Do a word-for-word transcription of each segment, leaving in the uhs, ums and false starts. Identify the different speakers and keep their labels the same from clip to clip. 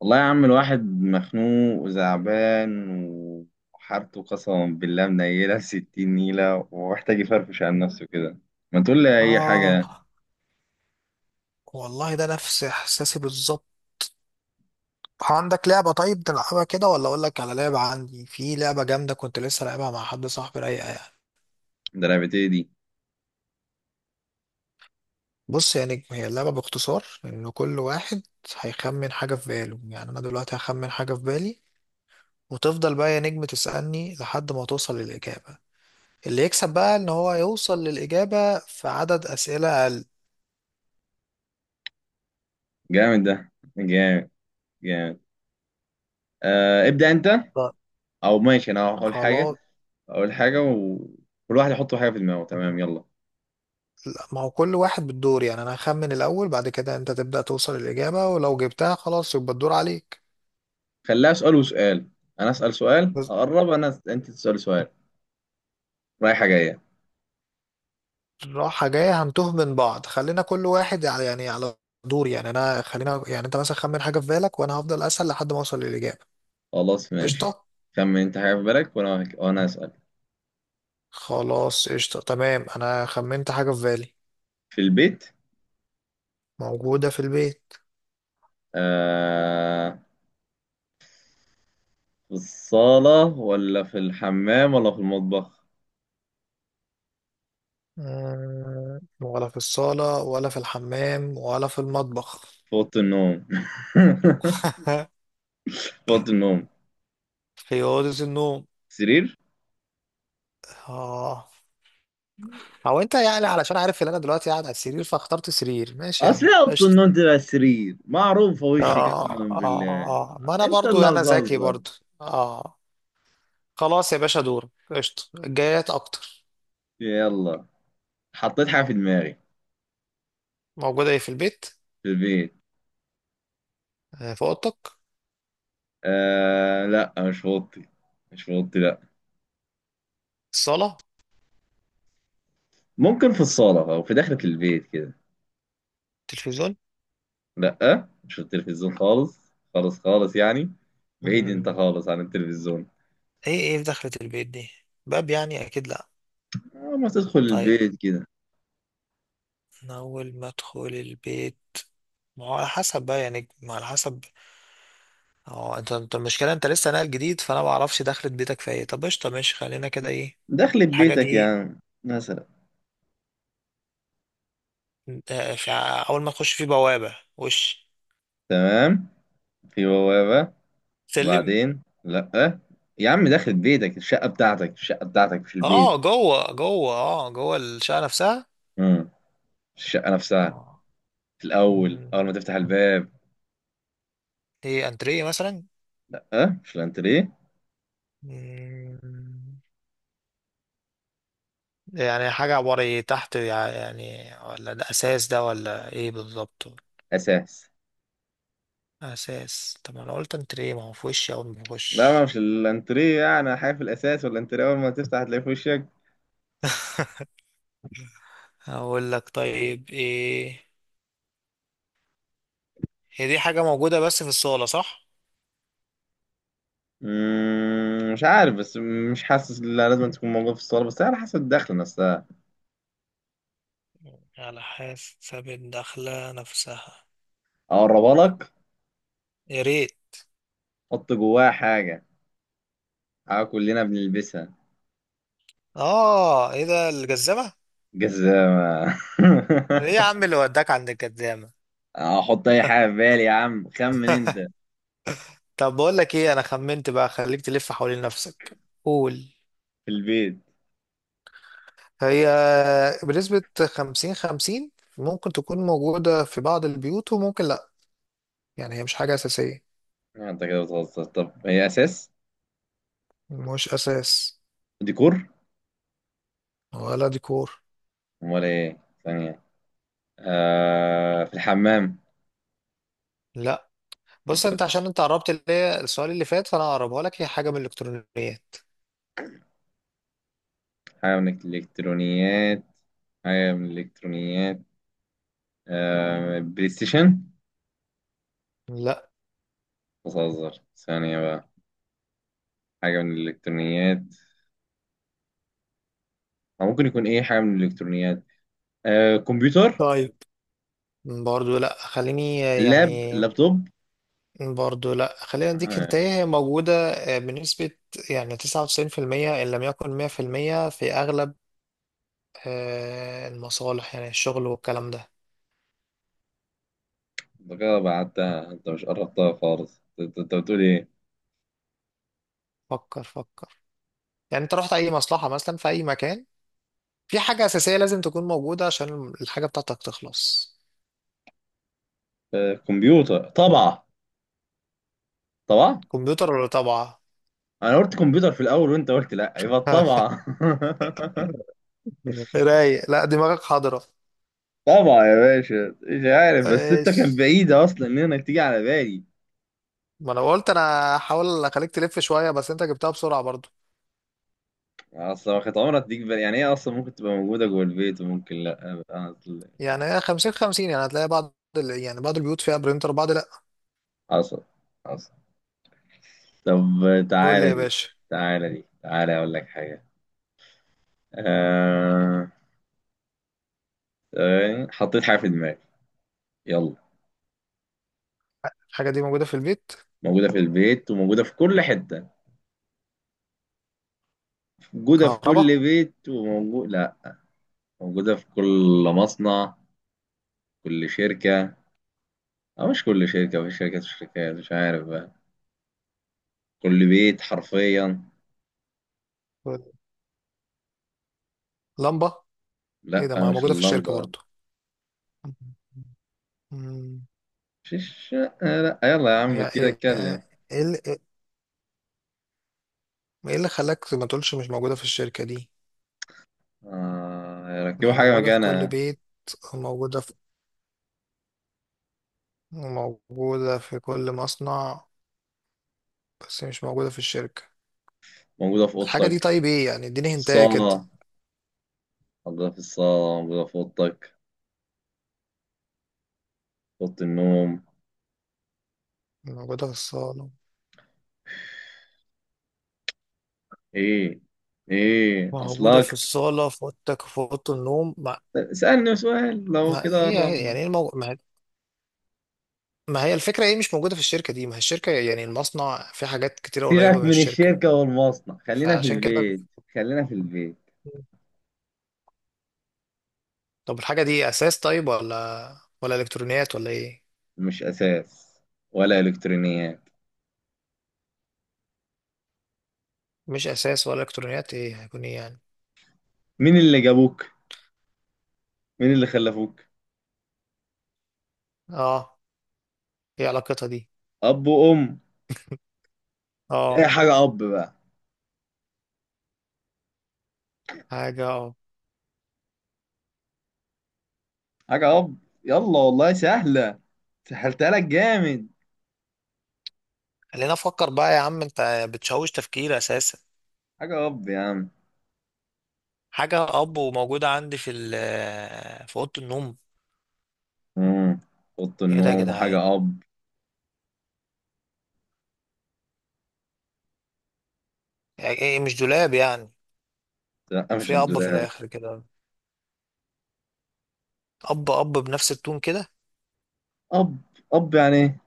Speaker 1: والله يا عم، الواحد مخنوق وزعبان وحارته، قسما بالله منيلة ستين نيلة، ومحتاج يفرفش عن نفسه كده. ما تقول لي أي
Speaker 2: آه،
Speaker 1: حاجة.
Speaker 2: والله ده نفس إحساسي بالظبط. عندك لعبة طيب نلعبها كده، ولا أقول لك على لعبة؟ عندي في لعبة جامدة كنت لسه لعبها مع حد صاحبي، رايقة يعني.
Speaker 1: ده لعبتي دي.
Speaker 2: بص يا نجم، هي اللعبة باختصار إن كل واحد هيخمن حاجة في باله، يعني أنا دلوقتي هخمن حاجة في بالي، وتفضل بقى يا نجم تسألني لحد ما توصل للإجابة. اللي يكسب بقى إن هو يوصل للإجابة في عدد أسئلة أقل.
Speaker 1: جامد، ده جامد، جامد. آه، ابدأ أنت.
Speaker 2: طيب،
Speaker 1: أو ماشي، أنا هقول حاجة.
Speaker 2: خلاص.
Speaker 1: أقول حاجة وكل واحد يحط حاجة في دماغه، تمام؟ يلا.
Speaker 2: لا، ما هو كل واحد بالدور، يعني انا هخمن الاول، بعد كده انت تبدأ توصل الاجابة، ولو جبتها خلاص يبقى الدور عليك.
Speaker 1: خليها سؤال وسؤال. أنا أسأل سؤال
Speaker 2: بس-
Speaker 1: أقرب أنا، أنت تسأل سؤال. رايحة جاية.
Speaker 2: راحة جاية هنتوه من بعض، خلينا كل واحد على، يعني على دور، يعني انا، خلينا يعني انت مثلا خمن حاجة في بالك، وانا هفضل اسأل لحد ما اوصل للاجابة.
Speaker 1: خلاص، ماشي.
Speaker 2: قشطة.
Speaker 1: خمن أنت حاجة في بالك، وأنا وأنا أسأل.
Speaker 2: خلاص قشطة، تمام، انا خمنت حاجة في بالي.
Speaker 1: في البيت؟
Speaker 2: موجودة في البيت.
Speaker 1: آه. في الصالة ولا في الحمام ولا في المطبخ؟
Speaker 2: مم، ولا في الصالة، ولا في الحمام، ولا في المطبخ.
Speaker 1: في أوضة النوم؟ في أوضة النوم.
Speaker 2: في أوضة النوم.
Speaker 1: سرير؟
Speaker 2: اه. هو انت يعني علشان عارف ان انا دلوقتي قاعد على السرير فاخترت سرير؟ ماشي يا
Speaker 1: أصل
Speaker 2: عم
Speaker 1: إيه، أوضة
Speaker 2: قشطة.
Speaker 1: النوم تبقى سرير معروفة وشي
Speaker 2: اه،
Speaker 1: قسما
Speaker 2: اه،
Speaker 1: بالله.
Speaker 2: اه، ما انا
Speaker 1: أنت
Speaker 2: برضو
Speaker 1: اللي
Speaker 2: يعني انا ذكي
Speaker 1: بتهزر.
Speaker 2: برضو. اه، خلاص يا باشا، دورك قشطة، الجايات اكتر.
Speaker 1: يلا. حطيت حاجة في دماغي.
Speaker 2: موجودة ايه في البيت؟
Speaker 1: في البيت.
Speaker 2: آه، في اوضتك؟
Speaker 1: آه، لا، مش في أوضتي. مش في أوضتي، لا.
Speaker 2: الصالة؟
Speaker 1: ممكن في الصالة أو في داخلة البيت كده.
Speaker 2: تلفزيون؟
Speaker 1: لا، مش في التلفزيون خالص. خالص خالص يعني. بعيد أنت
Speaker 2: مم.
Speaker 1: خالص عن التلفزيون.
Speaker 2: ايه ايه في دخلة البيت دي؟ باب يعني؟ اكيد لا.
Speaker 1: آه، ما تدخل
Speaker 2: طيب،
Speaker 1: البيت كده.
Speaker 2: انا اول ما ادخل البيت، ما هو على حسب بقى، يعني ما على حسب. اه، انت انت المشكله انت لسه ناقل جديد، فانا ما اعرفش دخلة بيتك في ايه. طب قشطه ماشي، خلينا كده. ايه
Speaker 1: دخلت
Speaker 2: الحاجه دي
Speaker 1: بيتك يا
Speaker 2: إيه؟
Speaker 1: عم مثلا.
Speaker 2: انت في ع- اول ما تخش في بوابة وش؟
Speaker 1: تمام. في بوابة.
Speaker 2: سلم؟
Speaker 1: وبعدين لأ. يا عم دخلت بيتك، الشقة بتاعتك الشقة بتاعتك، مش البيت.
Speaker 2: اه، جوه جوه، اه جوه الشقة نفسها؟
Speaker 1: امم مش الشقة نفسها.
Speaker 2: اه.
Speaker 1: في الأول، أول
Speaker 2: مم.
Speaker 1: ما تفتح الباب.
Speaker 2: ايه، انتريه مثلا؟
Speaker 1: لأ، مش الأنتريه.
Speaker 2: مم. يعني حاجة عبارة إيه؟ تحت يع- يعني؟ ولا ده اساس ده ولا ايه بالظبط؟
Speaker 1: أساس.
Speaker 2: اساس؟ طب ما انا قلت انتريه، ما هو في وشي اول ما
Speaker 1: لا ما
Speaker 2: بخش.
Speaker 1: مش الأنتريه، يعني حاجة في الأساس ولا الأنتريه، أول ما تفتح هتلاقيه في وشك.
Speaker 2: هقول لك طيب ايه، هي دي حاجة موجودة بس في الصالة، صح؟
Speaker 1: مم، مش عارف بس. مش حاسس إن لازم تكون موجودة في الصالة، بس على حسب الدخلة نفسها.
Speaker 2: على حسب الدخلة نفسها.
Speaker 1: أقربها لك.
Speaker 2: يا ريت.
Speaker 1: حط جواها حاجة. حاجة كلنا بنلبسها.
Speaker 2: اه، ايه ده، الجزمة؟
Speaker 1: جزامة.
Speaker 2: ايه يا عم اللي وداك عند الكدامة؟
Speaker 1: احط اي حاجة في بالي يا عم، خمن انت.
Speaker 2: طب بقول لك ايه، انا خمنت بقى، خليك تلف حوالين نفسك. قول.
Speaker 1: في البيت.
Speaker 2: هي بنسبة خمسين خمسين، ممكن تكون موجودة في بعض البيوت، وممكن لأ. يعني هي مش حاجة أساسية.
Speaker 1: انت كده بتهزر، طب هي اساس؟
Speaker 2: مش أساس،
Speaker 1: ديكور؟
Speaker 2: ولا ديكور.
Speaker 1: امال ايه؟ ثانية. آه، في الحمام؟
Speaker 2: لأ. بص،
Speaker 1: طب.
Speaker 2: أنت عشان أنت قربت اللي هي السؤال اللي فات، فأنا هقربها لك، هي حاجة من الإلكترونيات.
Speaker 1: حاجة من الالكترونيات. حاجة من الالكترونيات. آه، بلاي ستيشن؟
Speaker 2: لأ،
Speaker 1: بتهزر ثانية بقى. حاجة من الالكترونيات. أو ممكن يكون ايه حاجة من الالكترونيات. آه، كمبيوتر.
Speaker 2: طيب. برضو لأ خليني
Speaker 1: لاب
Speaker 2: يعني.
Speaker 1: لابتوب
Speaker 2: برضه لا، خلينا نديك انت،
Speaker 1: آه.
Speaker 2: إيه، هي موجودة، آه، بنسبة يعني تسعة وتسعين في المية، إن لم يكن مية في المية، في أغلب آه، المصالح، يعني الشغل والكلام ده.
Speaker 1: انت كده بعدتها، انت مش قربتها خالص، انت انت بتقول ايه؟
Speaker 2: فكر فكر، يعني انت رحت أي مصلحة مثلا في أي مكان، في حاجة أساسية لازم تكون موجودة عشان الحاجة بتاعتك تخلص.
Speaker 1: آه، كمبيوتر طبعا. طبعا.
Speaker 2: كمبيوتر ولا طابعة؟
Speaker 1: انا قلت كمبيوتر في الاول وانت قلت لا، يبقى طبعا.
Speaker 2: رايق، لا دماغك حاضرة.
Speaker 1: طبعا يا باشا، مش عارف بس انت
Speaker 2: ايش؟
Speaker 1: كان بعيدة اصلا ان انا تيجي على بالي.
Speaker 2: ما انا قلت انا هحاول اخليك تلف شوية، بس انت جبتها بسرعة.
Speaker 1: يعني اصلا ما كانت عمرها تيجي بالي، يعني هي اصلا ممكن تبقى موجودة جوه البيت وممكن لا اصل.
Speaker 2: يعني هي خمسين خمسين، يعني هتلاقي بعض ال- يعني بعض البيوت فيها برينتر، بعض لا.
Speaker 1: حصل، حصل. طب.
Speaker 2: قول لي
Speaker 1: تعالى
Speaker 2: يا
Speaker 1: دي،
Speaker 2: باشا.
Speaker 1: تعالى دي، تعالى اقول لك حاجة. آه... ثواني، حطيت حاجة في دماغي. يلا.
Speaker 2: الحاجة دي موجودة في البيت؟
Speaker 1: موجودة في البيت وموجودة في كل حتة. موجودة في كل
Speaker 2: كهرباء؟
Speaker 1: بيت، وموجود لا. موجودة في كل مصنع، كل شركة. أو مش كل شركة، في شركات وشركات، مش عارف بقى. كل بيت حرفيا.
Speaker 2: لمبة؟ ايه
Speaker 1: لا،
Speaker 2: ده، ما
Speaker 1: مش
Speaker 2: موجودة في الشركة
Speaker 1: اللندن.
Speaker 2: برضو. مم.
Speaker 1: مش الشقة، لا، يلا يا عم
Speaker 2: هي
Speaker 1: كده
Speaker 2: ايه؟
Speaker 1: اتكلم.
Speaker 2: ايه ال- ايه اللي خلاك ما تقولش مش موجودة في الشركة دي؟
Speaker 1: آه،
Speaker 2: ما
Speaker 1: ركبوا
Speaker 2: هي
Speaker 1: حاجة
Speaker 2: موجودة في كل
Speaker 1: مكانها.
Speaker 2: بيت، موجودة في، موجودة في كل مصنع، بس مش موجودة في الشركة.
Speaker 1: موجودة في
Speaker 2: الحاجة دي
Speaker 1: أوضتك.
Speaker 2: طيب ايه يعني، اديني هنتاية كده.
Speaker 1: الصالة. موجودة في الصالة، موجودة في أوضتك، في أوضة النوم.
Speaker 2: موجودة في الصالة؟
Speaker 1: إيه؟ إيه
Speaker 2: موجودة في
Speaker 1: أصلك؟
Speaker 2: الصالة، في أوضتك، في أوضة النوم؟
Speaker 1: اسألني سؤال، لو
Speaker 2: ما
Speaker 1: كده
Speaker 2: هي هي-
Speaker 1: قربنا.
Speaker 2: يعني إيه المو... ما، ما هي الفكرة، ايه مش موجودة في الشركة دي؟ ما هي الشركة يعني المصنع في حاجات كتيرة قريبة
Speaker 1: سيبك
Speaker 2: من
Speaker 1: من
Speaker 2: الشركة،
Speaker 1: الشركة والمصنع، خلينا في
Speaker 2: فعشان كده.
Speaker 1: البيت. خلينا في البيت.
Speaker 2: طب الحاجة دي أساس طيب، ولا، ولا إلكترونيات ولا ايه؟
Speaker 1: مش أساس ولا إلكترونيات.
Speaker 2: مش أساس ولا إلكترونيات، ايه هيكون ايه يعني؟
Speaker 1: مين اللي جابوك؟ مين اللي خلفوك؟
Speaker 2: اه، ايه علاقتها دي؟
Speaker 1: أب وأم. أي
Speaker 2: اه،
Speaker 1: حاجة أب بقى.
Speaker 2: حاجة، اه،
Speaker 1: حاجة أب. يلا والله سهلة. سهلتها لك جامد.
Speaker 2: خلينا أفكر بقى يا عم، أنت بتشوش تفكير أساسا.
Speaker 1: حاجة أب يا عم.
Speaker 2: حاجة أب، وموجودة عندي في ال في أوضة النوم.
Speaker 1: مم. أوضة
Speaker 2: ايه ده يا
Speaker 1: النوم
Speaker 2: جدعان،
Speaker 1: وحاجة أب.
Speaker 2: يعني ايه، مش دولاب يعني؟
Speaker 1: لا،
Speaker 2: ما
Speaker 1: مش
Speaker 2: في أب في
Speaker 1: الدولاب.
Speaker 2: الآخر كده، أب أب بنفس التون كده.
Speaker 1: أب، أب يعني إيه؟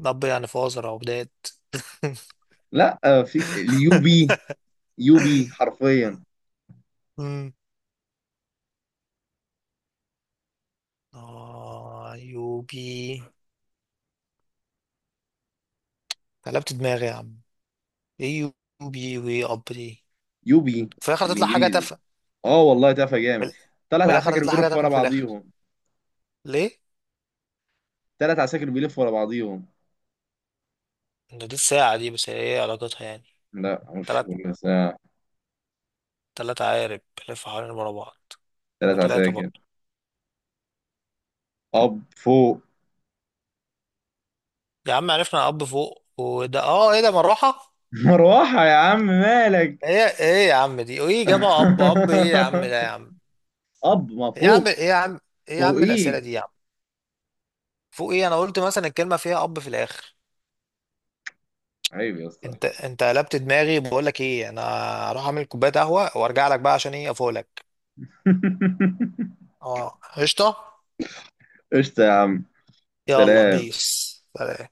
Speaker 2: الأب يعني في وزر أو بداية؟
Speaker 1: لا، فيك اليو بي. يو بي حرفيا.
Speaker 2: مم. آه يوبي، قلبت دماغي يا عم، إيه يوبي وإيه أب دي؟
Speaker 1: يو بي
Speaker 2: في الآخر تطلع حاجة
Speaker 1: بالإنجليزي.
Speaker 2: تافهة،
Speaker 1: أه والله تافه
Speaker 2: في،
Speaker 1: جامد. طلعت
Speaker 2: في الآخر
Speaker 1: عساكر
Speaker 2: تطلع حاجة
Speaker 1: بيرفوا ورا
Speaker 2: تافهة في الآخر.
Speaker 1: بعضيهم.
Speaker 2: ليه؟
Speaker 1: تلات عساكر بيلفوا ورا بعضيهم.
Speaker 2: ده دي الساعة دي، بس هي إيه علاقتها يعني؟
Speaker 1: لا، مش
Speaker 2: تلات،
Speaker 1: بس، آه،
Speaker 2: تلات عقارب بيلفوا حوالين ورا بعض؟
Speaker 1: تلات
Speaker 2: هما تلاتة
Speaker 1: عساكر.
Speaker 2: برضه.
Speaker 1: اب فوق.
Speaker 2: يا عم عرفنا أب فوق، وده آه، إيه ده، مروحة؟
Speaker 1: مروحة يا عم مالك.
Speaker 2: إيه إيه يا عم دي؟ وإيه جابها أب أب إيه يا عم ده يا عم؟
Speaker 1: اب ما
Speaker 2: إيه يا عم،
Speaker 1: فوق.
Speaker 2: إيه يا عم، إيه يا عم الأسئلة
Speaker 1: فوقيك.
Speaker 2: دي يا عم؟ فوق ايه، انا قلت مثلا الكلمه فيها اب في الاخر.
Speaker 1: عيب يا اسطى.
Speaker 2: انت انت قلبت دماغي، بقول لك ايه، انا هروح اعمل كوبايه قهوه وارجع لك بقى، عشان ايه، افوق لك. اه قشطه.
Speaker 1: قشطة يا عم.
Speaker 2: يلا
Speaker 1: سلام.
Speaker 2: بيس. سلام.